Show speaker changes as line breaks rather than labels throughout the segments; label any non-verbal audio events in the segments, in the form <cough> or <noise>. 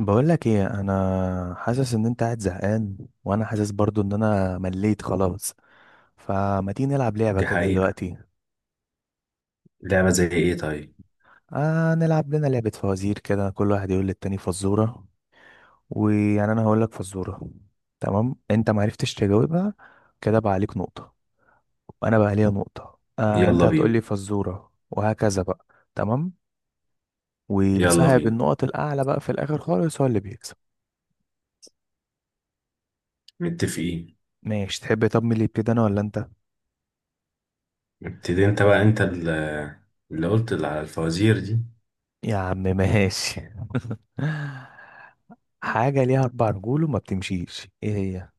بقولك ايه، انا حاسس ان انت قاعد زهقان، وانا حاسس برضو ان انا مليت خلاص، فما تيجي نلعب لعبة
دي
كده
حقيقة.
دلوقتي؟
لعبة زي ايه طيب؟
آه، نلعب لنا لعبة فوازير كده، كل واحد يقول للتاني فزورة. ويعني انا هقولك فزورة، تمام؟ انت معرفتش تجاوبها، كده بقى عليك نقطة، وانا بقى عليا نقطة. آه انت
يلا
هتقولي
بينا.
فزورة وهكذا بقى. تمام.
يلا
والصاحب
بينا.
النقط الاعلى بقى في الاخر خالص هو اللي بيكسب.
متفقين.
ماشي تحب، طب مين اللي يبتدي، انا ولا انت؟
ابتدي انت بقى، اللي قلت اللي على الفوازير دي.
يا عم ماشي. <laughs> حاجة ليها أربع رجول وما بتمشيش، إيه هي؟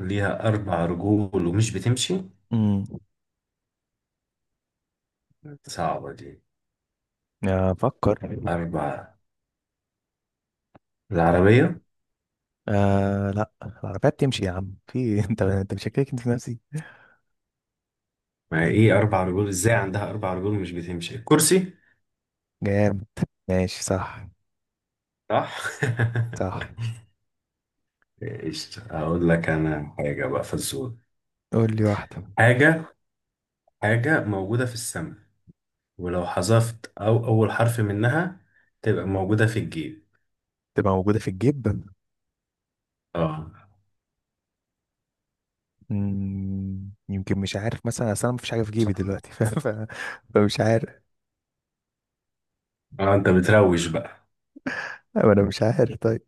ليها اربع رجول ومش بتمشي.
امم
صعبة دي.
أفكر.
اربع. العربية.
آه، لا، العربية بتمشي يا عم في <laughs> إيه؟ أنت مشكك أنت في نفسي.
ما هي ايه اربع رجول؟ ازاي عندها اربع رجول ومش بتمشي؟ الكرسي.
جامد ماشي صح.
صح. <laughs>
صح.
ايش اقول لك انا حاجة بقى؟ فزورة.
قول لي واحدة.
حاجة. حاجة موجودة في السماء، ولو حذفت او اول حرف منها تبقى موجودة في الجيب.
تبقى موجودة في الجيب.
اه.
يمكن مش عارف مثلا، أصل أنا مفيش حاجة في جيبي دلوقتي. <laughs> فمش عارف.
اه انت بتروج بقى.
أو أنا مش عارف طيب.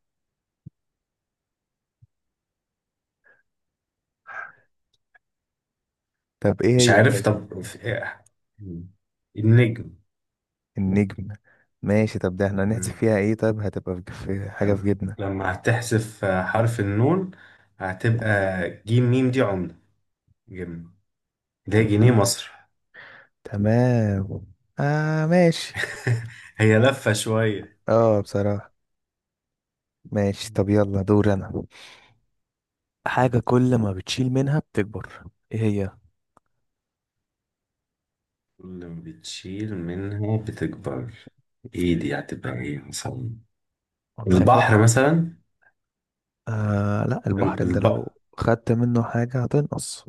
طب إيه
مش
هي
عارف،
طيب؟
طب في إيه؟ مم. النجم.
النجم. ماشي طب ده احنا هنحذف
مم.
فيها إيه طيب، هتبقى في حاجة
تمام.
في جيبنا؟
لما هتحذف حرف النون، هتبقى جيم ميم، دي عملة، جنيه. ده جنيه مصر.
تمام. آه ماشي.
<laughs> هي لفة شوية.
اه بصراحة. ماشي طب يلا دور انا.
مم.
حاجة كل ما بتشيل منها بتكبر، ايه هي؟
اللي بتشيل منها بتكبر؟ ايه دي؟ هتبقى ايه مثلا؟
والله
البحر
فكر.
مثلا.
آه، لا، البحر
ال-
انت
الب...
لو خدت منه حاجة هتنقص.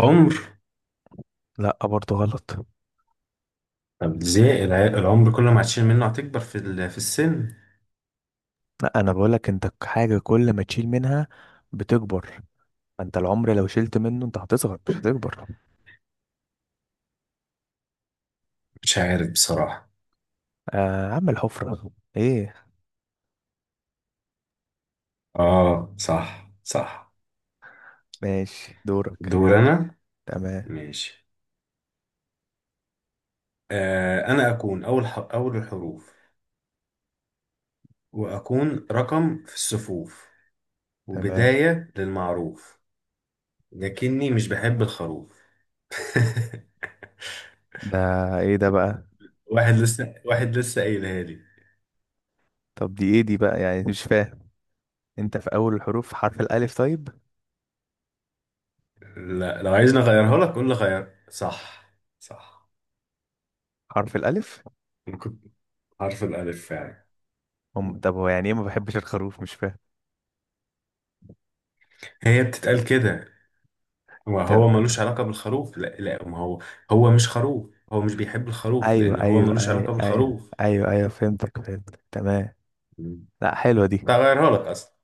عمر.
لا برضه غلط.
طب ازاي العمر كل ما هتشيل منه هتكبر في السن؟
لا انا بقولك انت حاجة كل ما تشيل منها بتكبر. انت العمر لو شلت منه انت هتصغر مش هتكبر.
مش عارف بصراحة.
آه عم الحفرة. ايه
اه صح صح.
ماشي دورك.
دور انا.
تمام.
ماشي. انا اكون اول الحروف، واكون رقم في الصفوف،
تمام.
وبداية للمعروف، لكني مش بحب الخروف. <laughs>
ده ايه ده بقى؟
واحد لسه، واحد لسه قايلها لي.
طب دي ايه دي بقى يعني مش فاهم. انت في اول الحروف حرف الالف طيب.
لا لو عايزني اغيرها لك قول لي غير. صح. صح.
حرف الالف.
انا كنت حرف الالف فعلا.
طب هو يعني ايه ما بحبش الخروف، مش فاهم
هي بتتقال كده،
طب.
وهو ملوش علاقة بالخروف. لا لا، ما هو هو مش خروف، هو مش بيحب الخروف
ايوه،
لان هو
ايوه،
ملوش
ايوه،
علاقة
ايوه،
بالخروف.
ايوه، ايوه، فهمتك، فهمتك، تمام. لا حلوه دي.
تغيرها لك اصلا.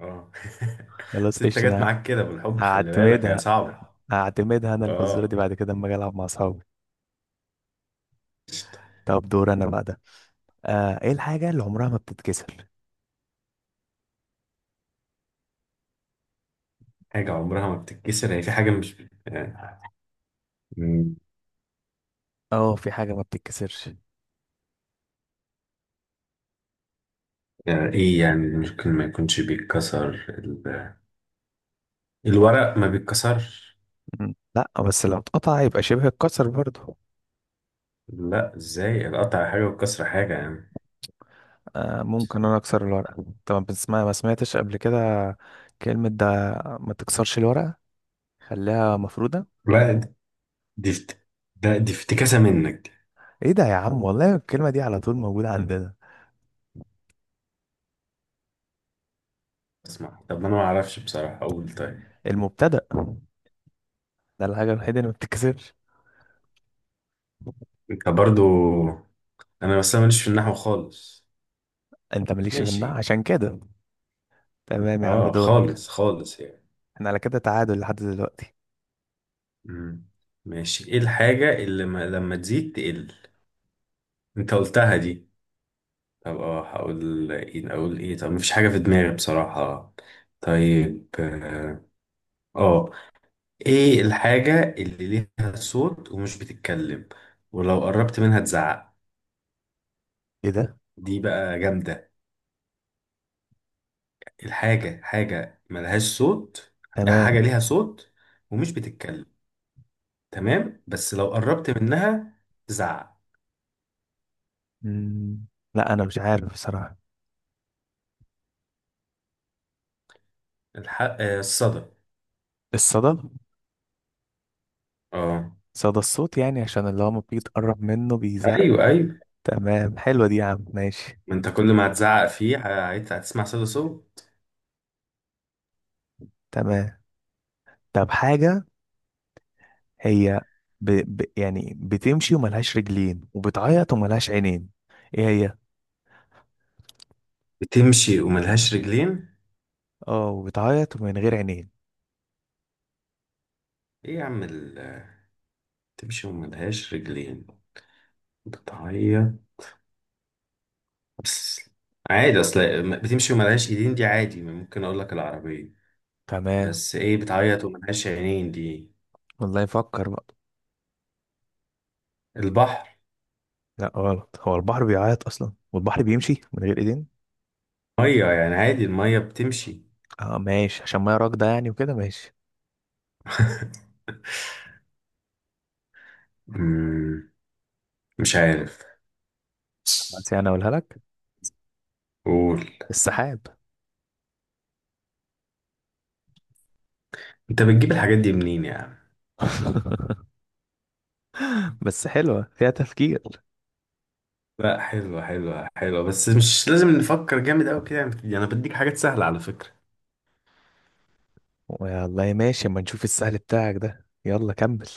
اه. <laughs>
خلاص
ست
قشطه
جت
انا.
معاك كده بالحب، خلي بالك هي
هعتمدها،
صعبة.
هعتمدها انا الفزوره دي
اه.
بعد كده اما اجي العب مع اصحابي.
قشطة.
طب دور انا بقى ده. آه ايه الحاجه اللي عمرها ما بتتكسر؟
حاجة عمرها ما بتتكسر، هي في حاجة مش آه. مم.
اه في حاجه ما بتتكسرش.
ايه يعني؟ ممكن ما يكونش بيتكسر الورق، ما بيتكسرش.
لا بس لو اتقطع يبقى شبه اتكسر برضه.
لا ازاي، القطع حاجة والكسر حاجة يعني.
آه ممكن انا اكسر الورقه طبعا، بس ما سمعتش قبل كده كلمه ده ما تكسرش الورقه. خليها مفرودة.
لا دي دي افت... ده دي افتكاسة منك دي.
ايه ده يا عم؟ اه والله الكلمة دي على طول موجودة عندنا.
اسمع، طب انا ما اعرفش بصراحة، اقول طيب.
المبتدأ ده الحاجة الوحيدة اللي ما بتتكسرش.
انت برضو. انا بس أنا ماليش في النحو خالص.
انت مالكش في النوع
ماشي.
عشان كده. تمام يا عم
اه
دورك.
خالص خالص يعني.
احنا على كده تعادل لحد دلوقتي.
مم. ماشي. ايه الحاجة اللي ما لما تزيد تقل؟ انت قلتها دي. طب اه هقول ايه؟ اقول ايه؟ طب مفيش حاجة في دماغي بصراحة. طيب اه. آه. ايه الحاجة اللي ليها صوت ومش بتتكلم، ولو قربت منها تزعق؟
ايه ده؟
دي بقى جامدة. الحاجة حاجة ملهاش صوت. حاجة
تمام.
ليها صوت ومش بتتكلم، تمام، بس لو قربت منها تزعق.
مم. لا انا مش عارف بصراحة.
الح... آه الصدى.
الصدى.
اه.
صدى الصوت يعني عشان اللي هو ما بيتقرب منه بيزق.
ايوه ايوه.
تمام حلوة دي يا عم ماشي.
ما انت كل ما هتزعق فيه هتسمع صدى صوت.
تمام طب حاجة هي يعني بتمشي وملهاش رجلين وبتعيط وملهاش عينين، ايه هي؟
بتمشي وملهاش رجلين.
اه وبتعيط ومن غير عينين.
ايه يا عم بتمشي وملهاش رجلين، بتعيط، بس عادي. اصل بتمشي وملهاش ايدين دي عادي، ممكن اقول لك العربية.
تمام.
بس ايه بتعيط وملهاش عينين دي؟
والله يفكر بقى.
البحر.
لا غلط، هو البحر بيعيط اصلا والبحر بيمشي من غير ايدين.
مية يعني عادي، المية بتمشي.
اه ماشي عشان ما راكده يعني وكده ماشي.
<laughs> مم، مش عارف.
بس يعني اقولها لك.
قول.
السحاب.
انت بتجيب الحاجات دي منين يا عم؟
<laughs> بس حلوه فيها تفكير.
لا حلوة حلوة حلوة، بس مش لازم نفكر جامد أوي كده يعني. أنا بديك حاجات سهلة على فكرة.
والله ماشي اما نشوف السهل بتاعك ده. يلا كمل.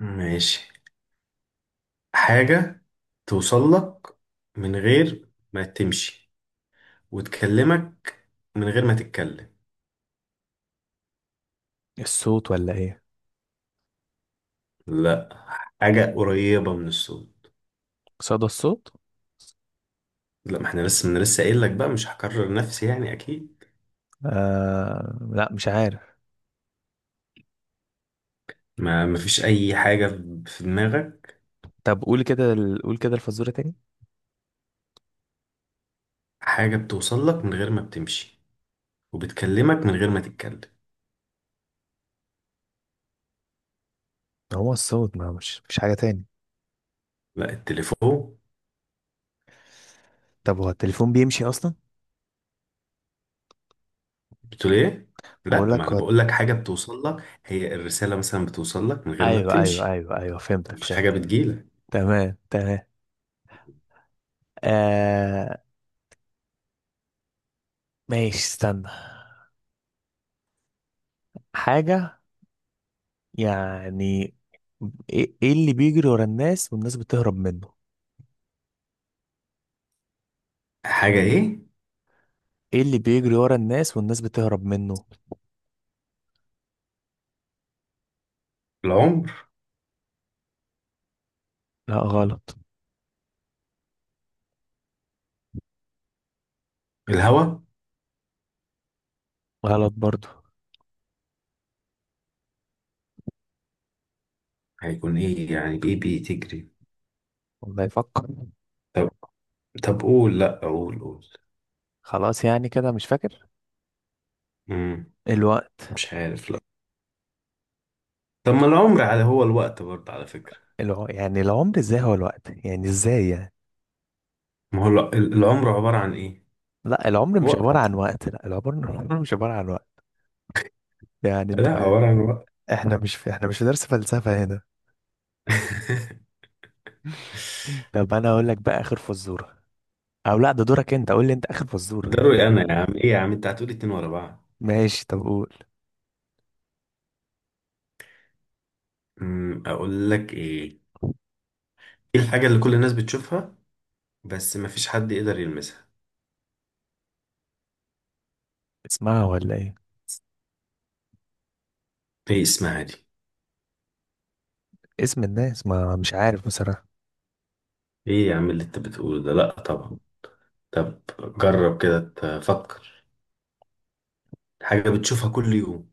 ماشي. حاجة توصل لك من غير ما تمشي، وتكلمك من غير ما تتكلم.
الصوت ولا ايه؟
لا. حاجة قريبة من الصوت.
صدى الصوت.
لا ما احنا لسه، من لسه قايل لك بقى، مش هكرر نفسي يعني أكيد.
آه لا مش عارف.
ما ما فيش أي حاجة في دماغك.
طب قول كده قول كده الفزوره تاني.
حاجة بتوصل لك من غير ما بتمشي، وبتكلمك من غير ما تتكلم.
هو الصوت ما مش حاجه تاني.
لا التليفون.
طب هو التليفون بيمشي اصلا؟
بتقول ايه؟
بقول
لا ما
لك،
انا بقول لك، حاجه بتوصل لك، هي الرساله مثلا بتوصل لك من غير ما
ايوه، ايوه،
بتمشي.
ايوه، ايوه، فهمتك،
مفيش حاجه
فهمتك،
بتجيلك.
تمام. تمام. آه ماشي. استنى. حاجة يعني إيه اللي بيجري ورا الناس والناس بتهرب منه؟
حاجه ايه؟
ايه اللي بيجري ورا الناس والناس بتهرب منه؟
العمر.
لا غلط.
الهوى.
غلط برضو.
هيكون ايه يعني؟ ايه بتجري؟
والله يفكر.
طب. طب قول، لا قول قول.
خلاص يعني كده مش فاكر.
امم.
الوقت.
مش عارف لا. طب ما العمر، على هو الوقت برضه على فكره.
يعني العمر ازاي هو الوقت يعني ازاي يعني؟
ما هو العمر عباره عن ايه؟
لا العمر مش عبارة عن
وقت.
وقت. لا العمر <laughs> العمر مش عبارة عن وقت.
<laughs>
يعني انت
لا عباره عن وقت.
احنا مش في درس فلسفة هنا. طب انا اقول لك بقى اخر فزوره. او لا ده دورك انت، قول لي انت اخر فزوره.
ده رأيي انا يا عم. ايه يا عم انت هتقولي اتنين ورا بعض؟
ماشي طب قول.
اقول لك ايه. ايه الحاجه اللي كل الناس بتشوفها بس مفيش حد يقدر يلمسها؟
اسمها ولا ايه؟
ايه اسمها دي؟
اسم الناس، ما مش عارف بصراحه.
ايه يا عم اللي انت بتقوله ده؟ لا طبعا. طب جرب كده تفكر. حاجة بتشوفها كل يوم،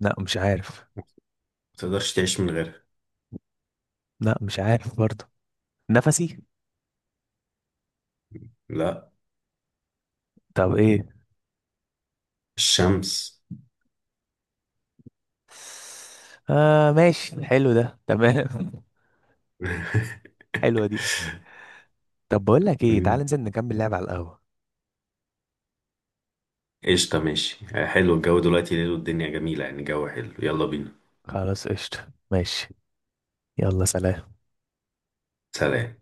لا مش عارف.
ما تقدرش تعيش من غيرها.
لا مش عارف برضه. نفسي.
لا.
طب ايه؟
الشمس.
آه ماشي حلو ده تمام. <laughs>
<laughs>
حلوه دي. طب بقول لك ايه، تعال
مم.
ننزل نكمل لعب على القهوه.
قشطة، ماشي، حلو. الجو دلوقتي ليل والدنيا جميلة يعني، جو حلو. يلا بينا.
خلاص قشطه ماشي. يلا سلام.
سلام.